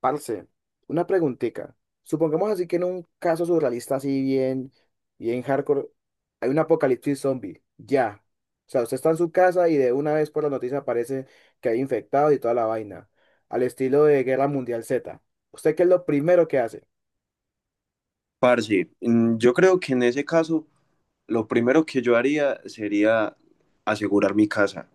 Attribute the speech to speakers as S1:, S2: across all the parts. S1: Parce, una preguntica. Supongamos así que en un caso surrealista así bien, bien hardcore, hay un apocalipsis zombie. Ya. O sea, usted está en su casa y de una vez por la noticia aparece que hay infectados y toda la vaina. Al estilo de Guerra Mundial Z. ¿Usted qué es lo primero que hace?
S2: Parce, yo creo que en ese caso lo primero que yo haría sería asegurar mi casa.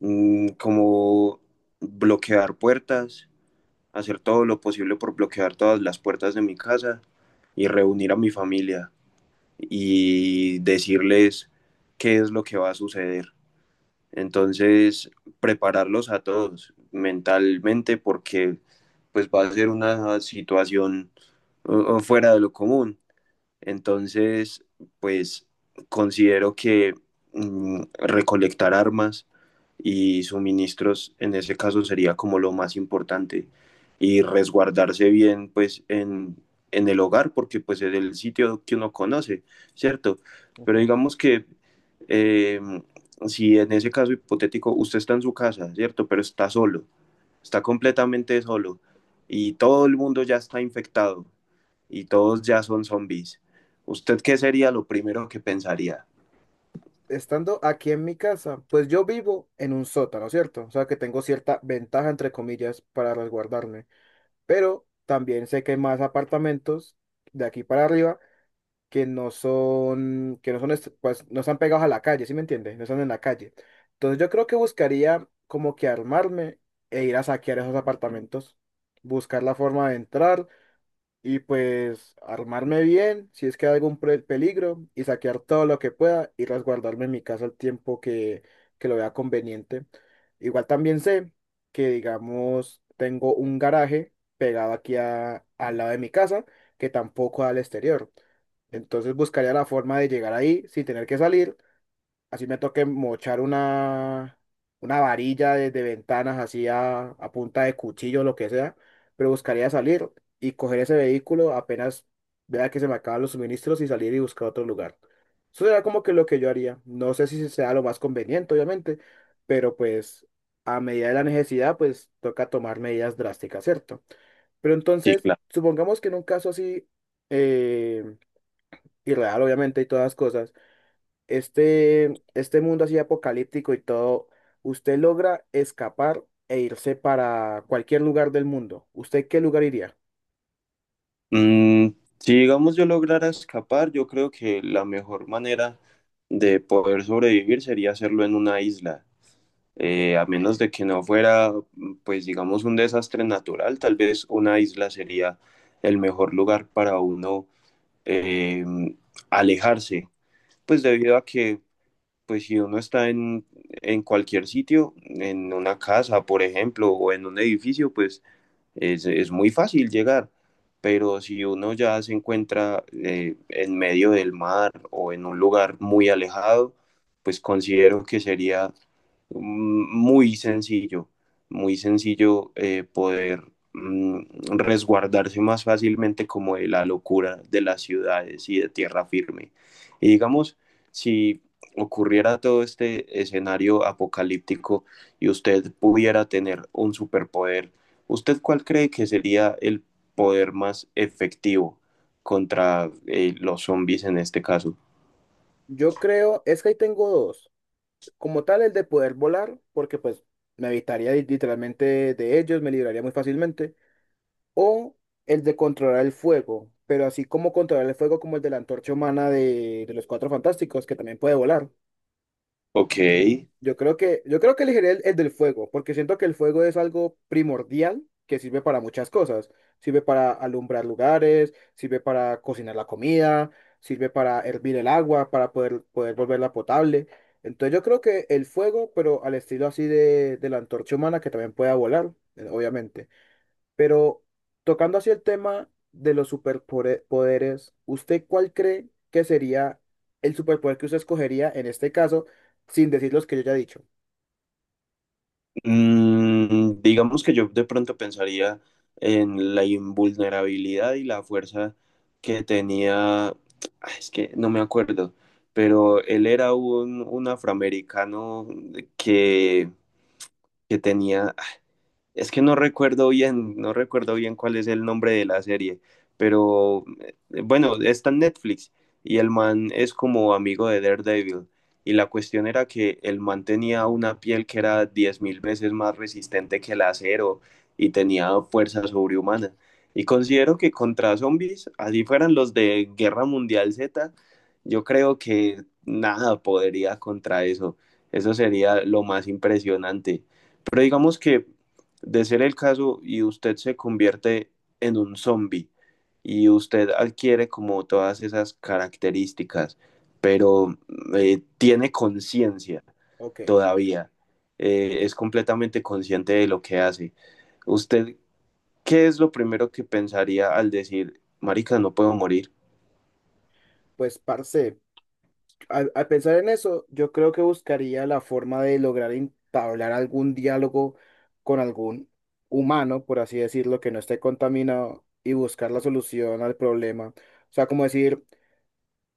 S2: Como bloquear puertas, hacer todo lo posible por bloquear todas las puertas de mi casa y reunir a mi familia y decirles qué es lo que va a suceder. Entonces, prepararlos a todos mentalmente porque pues va a ser una situación fuera de lo común. Entonces, pues considero que recolectar armas y suministros en ese caso sería como lo más importante y resguardarse bien pues en el hogar porque pues es el sitio que uno conoce, ¿cierto? Pero
S1: Ujú.
S2: digamos que eh, si en ese caso hipotético usted está en su casa, ¿cierto? Pero está solo, está completamente solo y todo el mundo ya está infectado y todos ya son zombies. ¿Usted qué sería lo primero que pensaría?
S1: Estando aquí en mi casa, pues yo vivo en un sótano, ¿cierto? O sea que tengo cierta ventaja, entre comillas, para resguardarme. Pero también sé que hay más apartamentos de aquí para arriba que no están pegados a la calle, ¿sí me entiendes? No están en la calle. Entonces yo creo que buscaría como que armarme e ir a saquear esos apartamentos, buscar la forma de entrar y pues armarme bien si es que hay algún peligro y saquear todo lo que pueda y resguardarme en mi casa el tiempo que lo vea conveniente. Igual también sé que, digamos, tengo un garaje pegado aquí al lado de mi casa que tampoco da al exterior. Entonces buscaría la forma de llegar ahí sin tener que salir. Así me toque mochar una varilla de ventanas así a punta de cuchillo, lo que sea. Pero buscaría salir y coger ese vehículo apenas vea que se me acaban los suministros y salir y buscar otro lugar. Eso será como que lo que yo haría. No sé si sea lo más conveniente, obviamente, pero pues a medida de la necesidad, pues toca tomar medidas drásticas, ¿cierto? Pero
S2: Sí,
S1: entonces,
S2: claro.
S1: supongamos que en un caso así, eh, y real, obviamente, y todas las cosas, este mundo así apocalíptico y todo, usted logra escapar e irse para cualquier lugar del mundo. ¿Usted qué lugar iría?
S2: Mm, si digamos yo lograra escapar, yo creo que la mejor manera de poder sobrevivir sería hacerlo en una isla.
S1: Ok.
S2: A menos de que no fuera, pues digamos, un desastre natural, tal vez una isla sería el mejor lugar para uno eh, alejarse, pues debido a que pues si uno en cualquier sitio, en una casa, por ejemplo, o en un edificio, pues es muy fácil llegar. Pero si uno ya se encuentra en medio del mar o en un lugar muy alejado, pues considero que sería mm, muy sencillo, muy sencillo poder mm, resguardarse más fácilmente como de la locura de las ciudades y de tierra firme. Y digamos, si ocurriera todo este escenario apocalíptico y usted pudiera tener un superpoder, ¿usted cuál cree que sería el poder más efectivo contra los zombies en este caso?
S1: Yo creo, es que ahí tengo dos. Como tal, el de poder volar, porque pues me evitaría literalmente de ellos, me libraría muy fácilmente. O el de controlar el fuego, pero así como controlar el fuego como el de la antorcha humana de los Cuatro Fantásticos, que también puede volar.
S2: Ok,
S1: Yo creo que elegiría el del fuego, porque siento que el fuego es algo primordial que sirve para muchas cosas. Sirve para alumbrar lugares, sirve para cocinar la comida, sirve para hervir el agua, para poder volverla potable. Entonces yo creo que el fuego, pero al estilo así de la antorcha humana, que también pueda volar, obviamente. Pero tocando así el tema de los superpoderes, ¿usted cuál cree que sería el superpoder que usted escogería en este caso, sin decir los que yo ya he dicho?
S2: digamos que yo de pronto pensaría en la invulnerabilidad y la fuerza que tenía, ah, es que no me acuerdo, pero él era un afroamericano que, que tenía... ah, es que no recuerdo bien, no recuerdo bien cuál es el nombre de la serie, pero bueno, está en Netflix y el man es como amigo de Daredevil. Y la cuestión era que el man tenía una piel que era 10,000 veces más resistente que el acero y tenía fuerza sobrehumana. Y considero que contra zombies, así fueran los de Guerra Mundial Z, yo creo que nada podría contra eso. Eso sería lo más impresionante. Pero digamos que de ser el caso y usted se convierte en un zombie y usted adquiere como todas esas características, pero tiene conciencia
S1: Ok,
S2: todavía, es completamente consciente de lo que hace. ¿Usted qué es lo primero que pensaría al decir, marica, no puedo morir?
S1: pues parce, al pensar en eso, yo creo que buscaría la forma de lograr entablar algún diálogo con algún humano, por así decirlo, que no esté contaminado y buscar la solución al problema. O sea, como decir,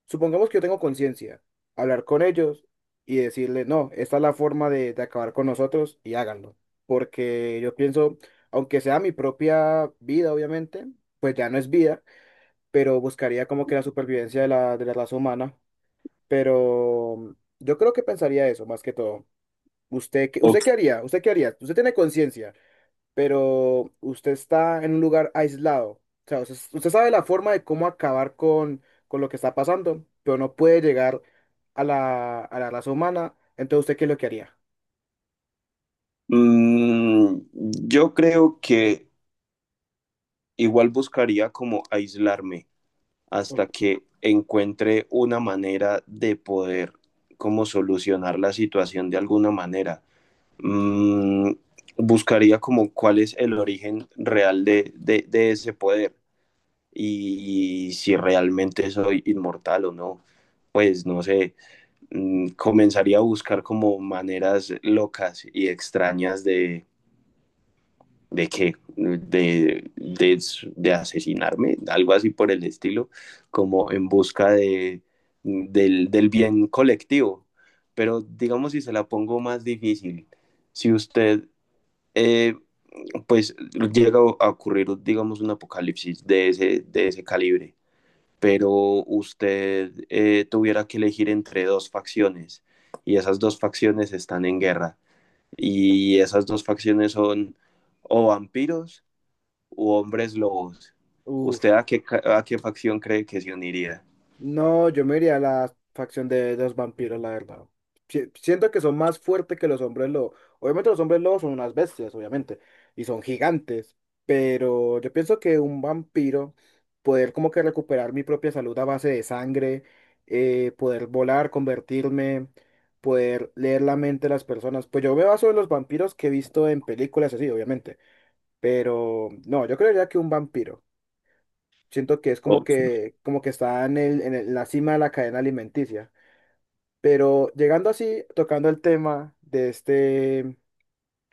S1: supongamos que yo tengo conciencia, hablar con ellos y decirle, no, esta es la forma de acabar con nosotros y háganlo. Porque yo pienso, aunque sea mi propia vida, obviamente, pues ya no es vida, pero buscaría como que la supervivencia de de la raza humana. Pero yo creo que pensaría eso más que todo.
S2: O,
S1: ¿Usted qué haría? ¿Usted qué haría? Usted tiene conciencia, pero usted está en un lugar aislado. O sea, usted sabe la forma de cómo acabar con lo que está pasando, pero no puede llegar a a la raza humana. Entonces, ¿usted qué es lo que haría?
S2: mm, yo creo que igual buscaría como aislarme
S1: O-
S2: hasta que encuentre una manera de poder como solucionar la situación de alguna manera. Mm, Buscaría como cuál es el origen real de ese poder y si realmente soy inmortal o no. Pues no sé, comenzaría a buscar como maneras locas y extrañas de, ¿de qué? De asesinarme, algo así por el estilo, como en busca del bien colectivo. Pero digamos si se la pongo más difícil, si usted eh, pues llega a ocurrir, digamos, un apocalipsis de de ese calibre, pero usted tuviera que elegir entre dos facciones y esas dos facciones están en guerra y esas dos facciones son o vampiros u hombres lobos,
S1: Uf.
S2: ¿usted a qué, a qué facción cree que se uniría?
S1: No, yo me iría a la facción de los vampiros, la verdad. Siento que son más fuertes que los hombres lobo. Obviamente los hombres lobos son unas bestias, obviamente, y son gigantes, pero yo pienso que un vampiro, poder como que recuperar mi propia salud a base de sangre, poder volar, convertirme, poder leer la mente de las personas, pues yo me baso en los vampiros que he visto en películas así, obviamente, pero no, yo creería que un vampiro. Siento que es
S2: Ok.
S1: como que está en en la cima de la cadena alimenticia. Pero llegando así, tocando el tema de este,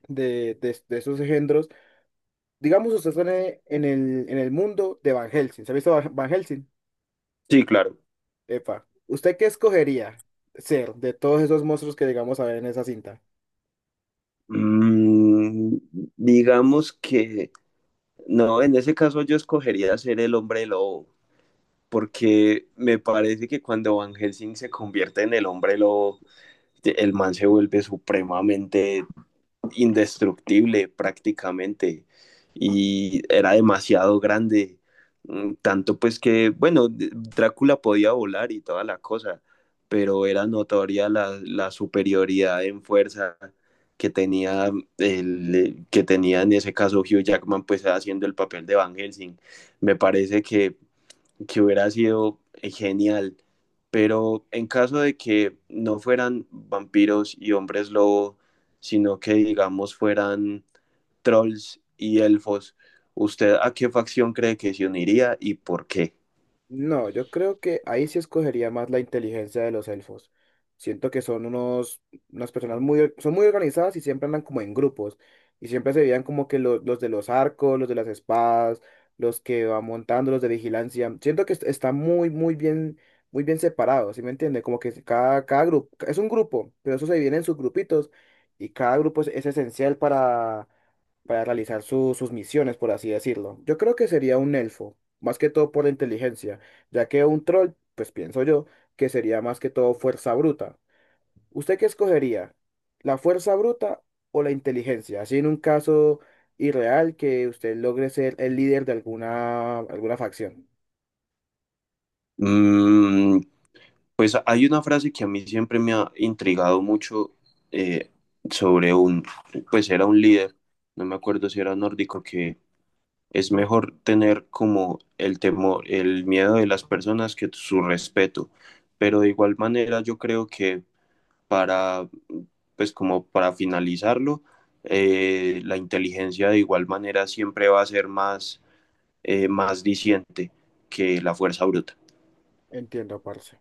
S1: de esos engendros, digamos usted está en en el mundo de Van Helsing. ¿Se ha visto Van Helsing?
S2: Sí, claro.
S1: Epa. ¿Usted qué escogería ser de todos esos monstruos que llegamos a ver en esa cinta?
S2: Mm, digamos que no, en ese caso yo escogería ser el hombre lobo, porque me parece que cuando Van Helsing se convierte en el hombre lobo, el man se vuelve supremamente indestructible prácticamente y era demasiado grande, tanto pues que, bueno, Drácula podía volar y toda la cosa, pero era notoria la superioridad en fuerza que tenía el que tenía en ese caso Hugh Jackman pues haciendo el papel de Van Helsing. Me parece que hubiera sido genial. Pero en caso de que no fueran vampiros y hombres lobo, sino que digamos fueran trolls y elfos, ¿usted a qué facción cree que se uniría y por qué?
S1: No, yo creo que ahí sí escogería más la inteligencia de los elfos. Siento que son unos, unas personas muy, son muy organizadas y siempre andan como en grupos. Y siempre se veían como que los de los arcos, los de las espadas, los que van montando, los de vigilancia. Siento que está muy, muy bien separado, ¿sí me entiende? Como que cada grupo, es un grupo, pero eso se divide en sus grupitos y cada grupo es esencial para realizar sus misiones, por así decirlo. Yo creo que sería un elfo, más que todo por la inteligencia ya que un troll, pues pienso yo, que sería más que todo fuerza bruta. ¿Usted qué escogería? ¿La fuerza bruta o la inteligencia? Así en un caso irreal que usted logre ser el líder de alguna, alguna facción.
S2: Mm, pues hay una frase que a mí siempre me ha intrigado mucho eh, sobre pues era un líder, no me acuerdo si era nórdico, que es mejor tener como el temor, el miedo de las personas que su respeto. Pero de igual manera yo creo que para, pues como para finalizarlo, la inteligencia de igual manera siempre va a ser más, más diciente que la fuerza bruta.
S1: Entiendo, parce.